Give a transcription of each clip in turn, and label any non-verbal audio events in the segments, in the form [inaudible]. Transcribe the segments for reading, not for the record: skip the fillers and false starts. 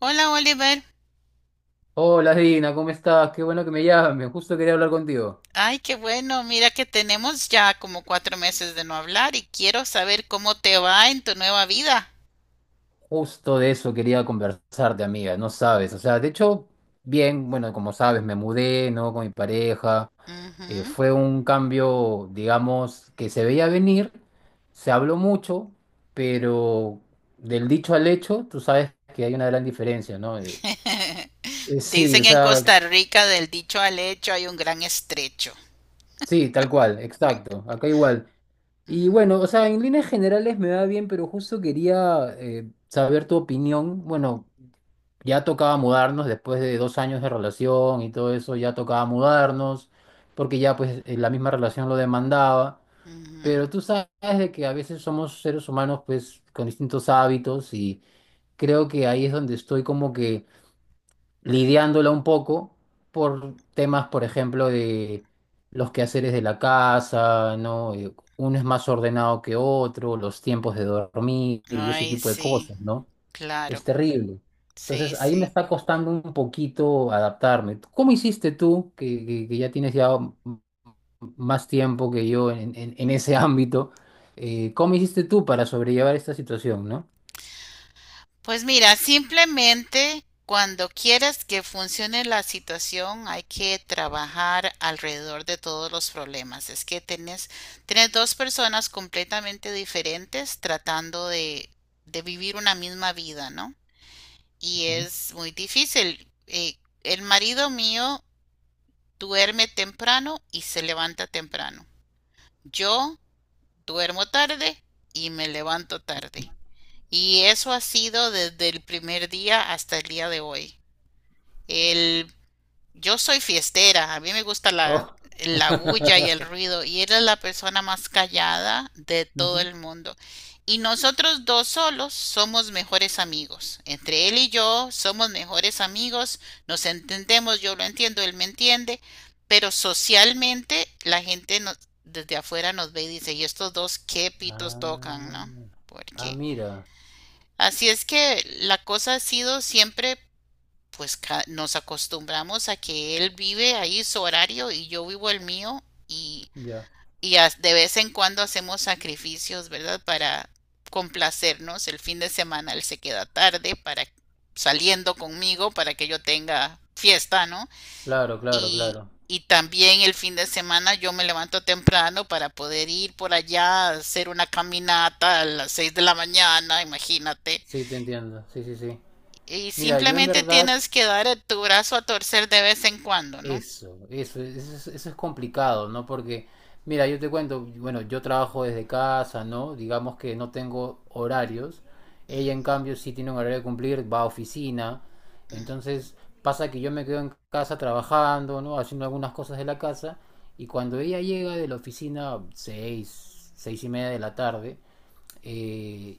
Hola Oliver. Hola Dina, ¿cómo estás? Qué bueno que me llames. Justo quería hablar contigo. Ay, qué bueno, mira que tenemos ya como 4 meses de no hablar y quiero saber cómo te va en tu nueva vida. Justo de eso quería conversarte, amiga. No sabes. O sea, de hecho, bien, bueno, como sabes, me mudé, ¿no? Con mi pareja. Ujú. Fue un cambio, digamos, que se veía venir. Se habló mucho, pero del dicho al hecho, tú sabes que hay una gran diferencia, ¿no? [laughs] Sí, o Dicen en sea, Costa Rica del dicho al hecho hay un gran estrecho. sí, tal cual, exacto. Acá igual. Y Ujú, bueno, o sea, en líneas generales me va bien, pero justo quería saber tu opinión. Bueno, ya tocaba mudarnos después de 2 años de relación y todo eso, ya tocaba mudarnos, porque ya pues la misma relación lo demandaba. ujú. Pero tú sabes de que a veces somos seres humanos pues con distintos hábitos y creo que ahí es donde estoy como que lidiándola un poco por temas, por ejemplo, de los quehaceres de la casa, ¿no? Uno es más ordenado que otro, los tiempos de dormir y ese Ay, tipo de sí, cosas, ¿no? Es claro, terrible. sí, Entonces, ahí me sí. está costando un poquito adaptarme. ¿Cómo hiciste tú, que, que ya tienes ya más tiempo que yo en, en ese ámbito? ¿Cómo hiciste tú para sobrellevar esta situación, no? Pues mira, simplemente cuando quieras que funcione la situación, hay que trabajar alrededor de todos los problemas. Es que tenés dos personas completamente diferentes tratando de vivir una misma vida, ¿no? Y Ujú. es muy difícil. El marido mío duerme temprano y se levanta temprano. Yo duermo tarde y me levanto tarde. Y eso ha sido desde el primer día hasta el día de hoy. El, yo soy fiestera, a mí me gusta la, Oh. la bulla y el [laughs] ruido, y él es la persona más callada de todo el mundo. Y nosotros dos solos somos mejores amigos. Entre él y yo somos mejores amigos, nos entendemos, yo lo entiendo, él me entiende, pero socialmente la gente desde afuera nos ve y dice, ¿y estos dos qué pitos tocan, Ah, no? ah, Porque mira, Así es que la cosa ha sido siempre, pues nos acostumbramos a que él vive ahí su horario y yo vivo el mío, y, ya. y de vez en cuando hacemos sacrificios, ¿verdad? Para complacernos. El fin de semana él se queda tarde para saliendo conmigo para que yo tenga fiesta, ¿no? Claro, claro, Y, claro. y también el fin de semana yo me levanto temprano para poder ir por allá a hacer una caminata a las 6 de la mañana, imagínate. Sí, te entiendo. Sí, sí, sí. Y Mira, yo en simplemente verdad, tienes que dar tu brazo a torcer de vez en cuando, ¿no? Eso es complicado, ¿no? Porque, mira, yo te cuento, bueno, yo trabajo desde casa, ¿no? Digamos que no tengo horarios. Ella, en cambio, sí tiene un horario que cumplir, va a oficina. Entonces, pasa que yo me quedo en casa trabajando, ¿no? Haciendo algunas cosas de la casa. Y cuando ella llega de la oficina, seis, seis y media de la tarde, eh,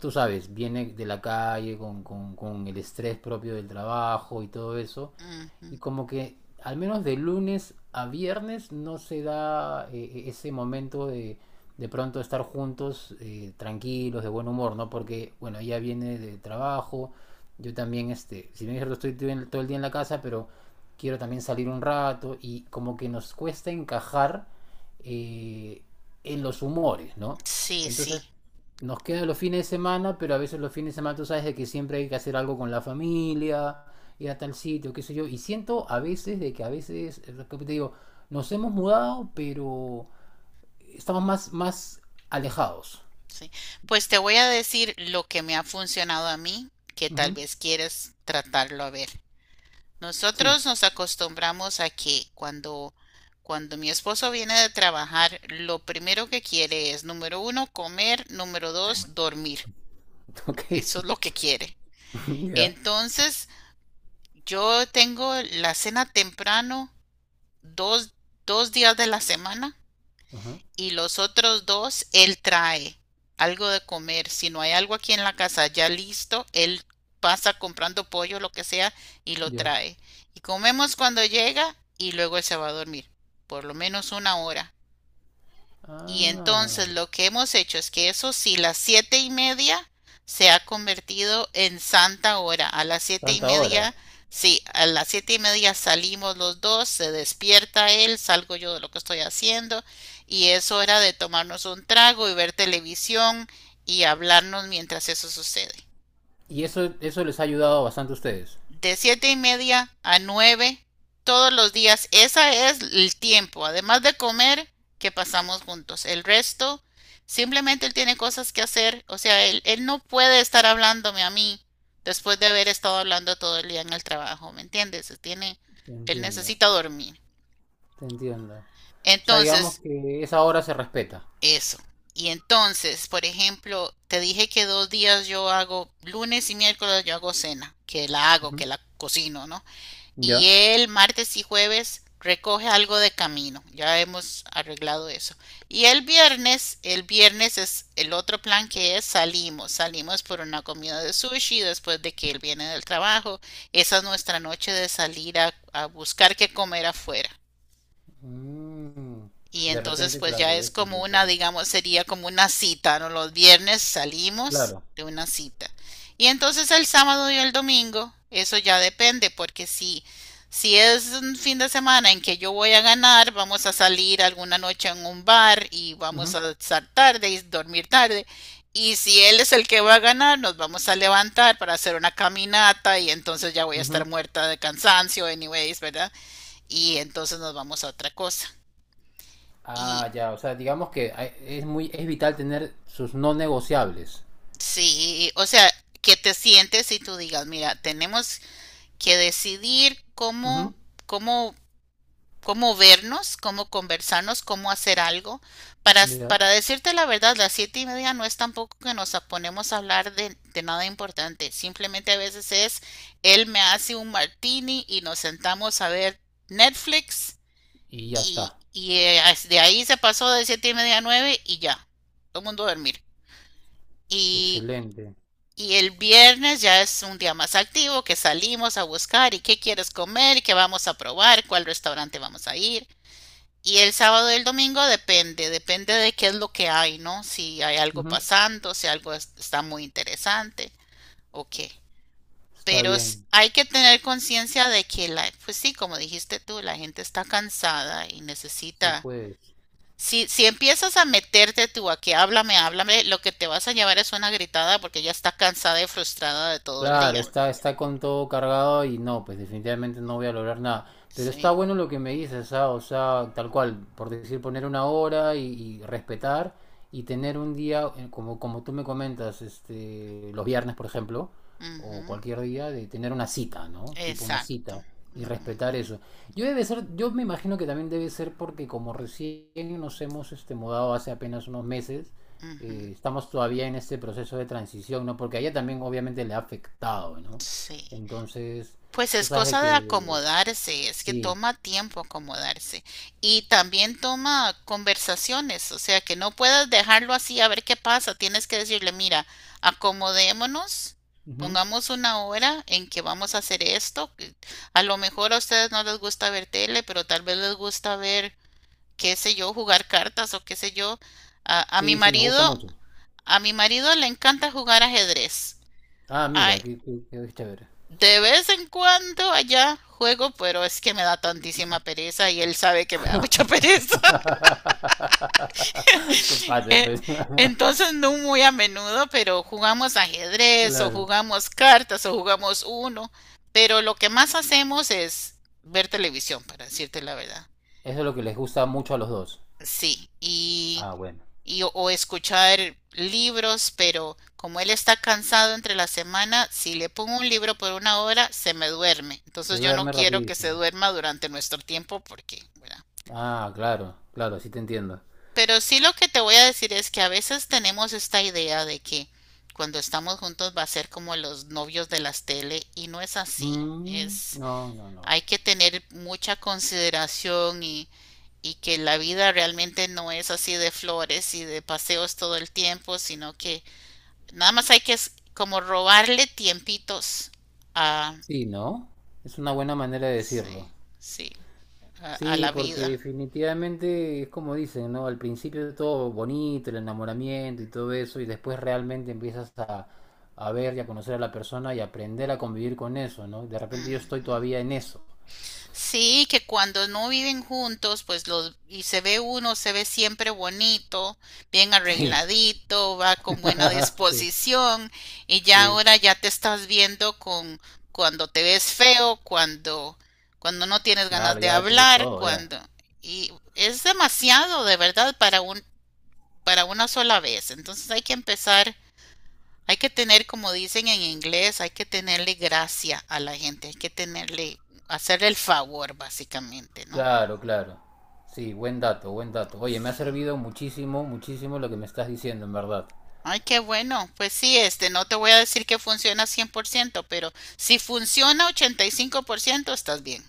tú sabes, viene de la calle con el estrés propio del trabajo y todo eso, y como que al menos de lunes a viernes no se da ese momento de pronto estar juntos tranquilos, de buen humor, ¿no? Porque, bueno, ella viene de trabajo, yo también, este, si bien es cierto, estoy todo el día en la casa, pero quiero también salir un rato y como que nos cuesta encajar eh, en los humores, ¿no? Sí, sí, Entonces, nos quedan los fines de semana, pero a veces los fines de semana tú sabes de que siempre hay que hacer algo con la familia, ir a tal sitio, qué sé yo. Y siento a veces de que a veces, como te digo, nos hemos mudado, pero estamos más, más alejados. sí. Pues te voy a decir lo que me ha funcionado a mí, que tal Ujú, vez quieres tratarlo a ver. sí, Nosotros nos acostumbramos a que cuando mi esposo viene de trabajar, lo primero que quiere es, número 1, comer, número 2, dormir. [laughs] ok, Eso es lo que quiere. [laughs] ya. Entonces, yo tengo la cena temprano dos, 2 días de la semana Ajá, y los otros dos él trae algo de comer. Si no hay algo aquí en la casa ya listo, él pasa comprando pollo, lo que sea, y lo ya. trae. Y comemos cuando llega y luego él se va a dormir, por lo menos 1 hora. Y Ah, entonces lo que hemos hecho es que eso sí, las 7:30 se ha convertido en santa hora. A las siete y tanta hora. media, sí, a las 7:30 salimos los dos, se despierta él, salgo yo de lo que estoy haciendo y es hora de tomarnos un trago y ver televisión y hablarnos mientras eso sucede Y eso les ha ayudado bastante a ustedes. de 7:30 a 9 todos los días. Ese es el tiempo, además de comer, que pasamos juntos. El resto, simplemente él tiene cosas que hacer. O sea, él no puede estar hablándome a mí después de haber estado hablando todo el día en el trabajo, ¿me entiendes? Te Él entiendo, necesita dormir. te entiendo. O sea, digamos Entonces, que esa hora se respeta. eso. Y entonces, por ejemplo, te dije que 2 días yo hago, lunes y miércoles yo hago cena, que la hago, Ujú. que la cocino, ¿no? Y Ya. el martes y jueves recoge algo de camino. Ya hemos arreglado eso. Y el viernes es el otro plan que es salimos. Salimos por una comida de sushi después de que él viene del trabajo. Esa es nuestra noche de salir a buscar qué comer afuera. Mm, Y de entonces repente, pues ya claro, es eso es como lo que a una, mí. digamos, sería como una cita, ¿no? Los viernes salimos Claro. de una cita. Y entonces el sábado y el domingo, eso ya depende, porque si, si es un fin de semana en que yo voy a ganar, vamos a salir alguna noche en un bar y vamos Ujú, a estar tarde y dormir tarde. Y si él es el que va a ganar, nos vamos a levantar para hacer una caminata y entonces ya voy a estar ujú. muerta de cansancio, anyways, ¿verdad? Y entonces nos vamos a otra cosa. Y, Ah, ya, o sea, digamos que hay- es muy, es vital tener sus no negociables. Sí, o sea, que te sientes y tú digas, mira, tenemos que decidir Ujú, cómo, cómo vernos, cómo conversarnos, cómo hacer algo. Ya. Para decirte la verdad, las 7:30 no es tampoco que nos ponemos a hablar de nada importante. Simplemente a veces es, él me hace un martini y nos sentamos a ver Netflix Y ya y, está. y de ahí se pasó de 7:30 a nueve y ya, todo el mundo a dormir. Y Excelente. y el viernes ya es un día más activo que salimos a buscar y qué quieres comer, y qué vamos a probar, cuál restaurante vamos a ir. Y el sábado y el domingo depende, depende de qué es lo que hay, ¿no? Si hay algo Ujú, pasando, si algo está muy interesante o qué. está Pero bien. hay que tener conciencia de que la, pues sí, como dijiste tú, la gente está cansada y Sí, necesita. pues. Si, si empiezas a meterte tú a que háblame, háblame, lo que te vas a llevar es una gritada porque ya está cansada y frustrada de todo el Claro, día. está, está con todo cargado y no, pues definitivamente no voy a lograr nada. Pero está Sí, bueno lo que me dices, ah, o sea, tal cual, por decir, poner una hora y respetar y tener un día, como, como tú me comentas, este, los viernes, por ejemplo, o ujú, cualquier día, de tener una cita, ¿no? Tipo una exacto, cita y ujú, respetar eso. Yo debe ser, yo me imagino que también debe ser porque como recién nos hemos este, mudado hace apenas unos meses, ujú, estamos todavía en este proceso de transición, ¿no? Porque a ella también obviamente le ha afectado, ¿no? sí. Entonces, Pues tú es sabes de cosa de que acomodarse, es que sí. toma tiempo acomodarse y también toma conversaciones, o sea, que no puedas dejarlo así a ver qué pasa, tienes que decirle, mira, acomodémonos, Ujú. pongamos una hora en que vamos a hacer esto, que a lo mejor a ustedes no les gusta ver tele, pero tal vez les gusta ver, qué sé yo, jugar cartas o qué sé yo. A, a mi Sí, sí, nos gusta marido mucho. A mi marido le encanta jugar ajedrez. Ah, Ay, mira, qué chévere. de vez en cuando allá juego, pero es que me da tantísima pereza y él sabe que me da mucha pereza. [laughs] [laughs] Te pases, Eh, pues. [laughs] Entonces no muy a menudo, pero jugamos ajedrez o Claro. jugamos cartas o jugamos uno. Pero lo que más hacemos es ver televisión, para decirte la verdad. Eso es lo que les gusta mucho a los dos. Sí, Ah, bueno. y o escuchar libros, pero como él está cansado entre la semana, si le pongo un libro por 1 hora, se me duerme. Se Entonces yo no duerme quiero que se rapidísimo. duerma durante nuestro tiempo porque, ¿verdad? Ah, claro, claro, sí te entiendo. Pero sí lo que te voy a decir es que a veces tenemos esta idea de que cuando estamos juntos va a ser como los novios de las tele y no es así. Mm, Es, no, no, no. hay que tener mucha consideración y que la vida realmente no es así de flores y de paseos todo el tiempo, sino que nada más hay que como robarle tiempitos a, Sí, ¿no? Es una buena manera de decirlo. sí, sí, a Sí, la porque vida. definitivamente es como dicen, ¿no? Al principio todo bonito, el enamoramiento y todo eso, y después realmente empiezas a ver y a conocer a la persona y aprender a convivir con eso, ¿no? De repente yo estoy Ujú. todavía en eso. Sí, que cuando no viven juntos, pues los y se ve uno, se ve siempre bonito, bien Sí, arregladito, va con buena [laughs] sí, disposición y ya sí, ahora ya te estás viendo con cuando te ves feo, cuando no tienes ganas claro, de ya te ves hablar, todo, ya. cuando y es demasiado de verdad para un para una sola vez. Entonces hay que empezar hay que tener, como dicen en inglés, hay que tenerle gracia a la gente, hay que tenerle, hacerle el favor, básicamente, ¿no? Claro, claro. Sí, buen dato, buen dato. Oye, me ha Sí. servido muchísimo, muchísimo lo que me estás diciendo, en verdad. Ay, qué bueno. Pues sí, este, no te voy a decir que funciona 100%, pero si funciona 85% estás bien.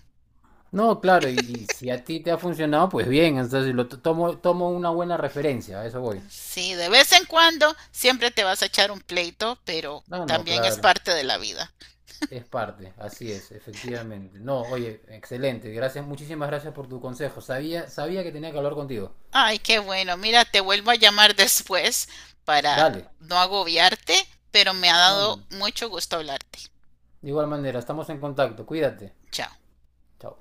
No, claro, y si a ti te ha funcionado, pues bien, entonces tomo, tomo una buena referencia, a eso voy. Sí, de vez en cuando siempre te vas a echar un pleito, pero No, no, también es claro. parte de la vida. Es parte, así es, efectivamente. No, oye, excelente. Gracias, muchísimas gracias por tu consejo. Sabía, sabía que tenía que hablar contigo. Ay, qué bueno. Mira, te vuelvo a llamar después para Dale. no agobiarte, pero me ha No, no, dado no. mucho gusto hablarte. De igual manera, estamos en contacto. Cuídate. Chao. Chao.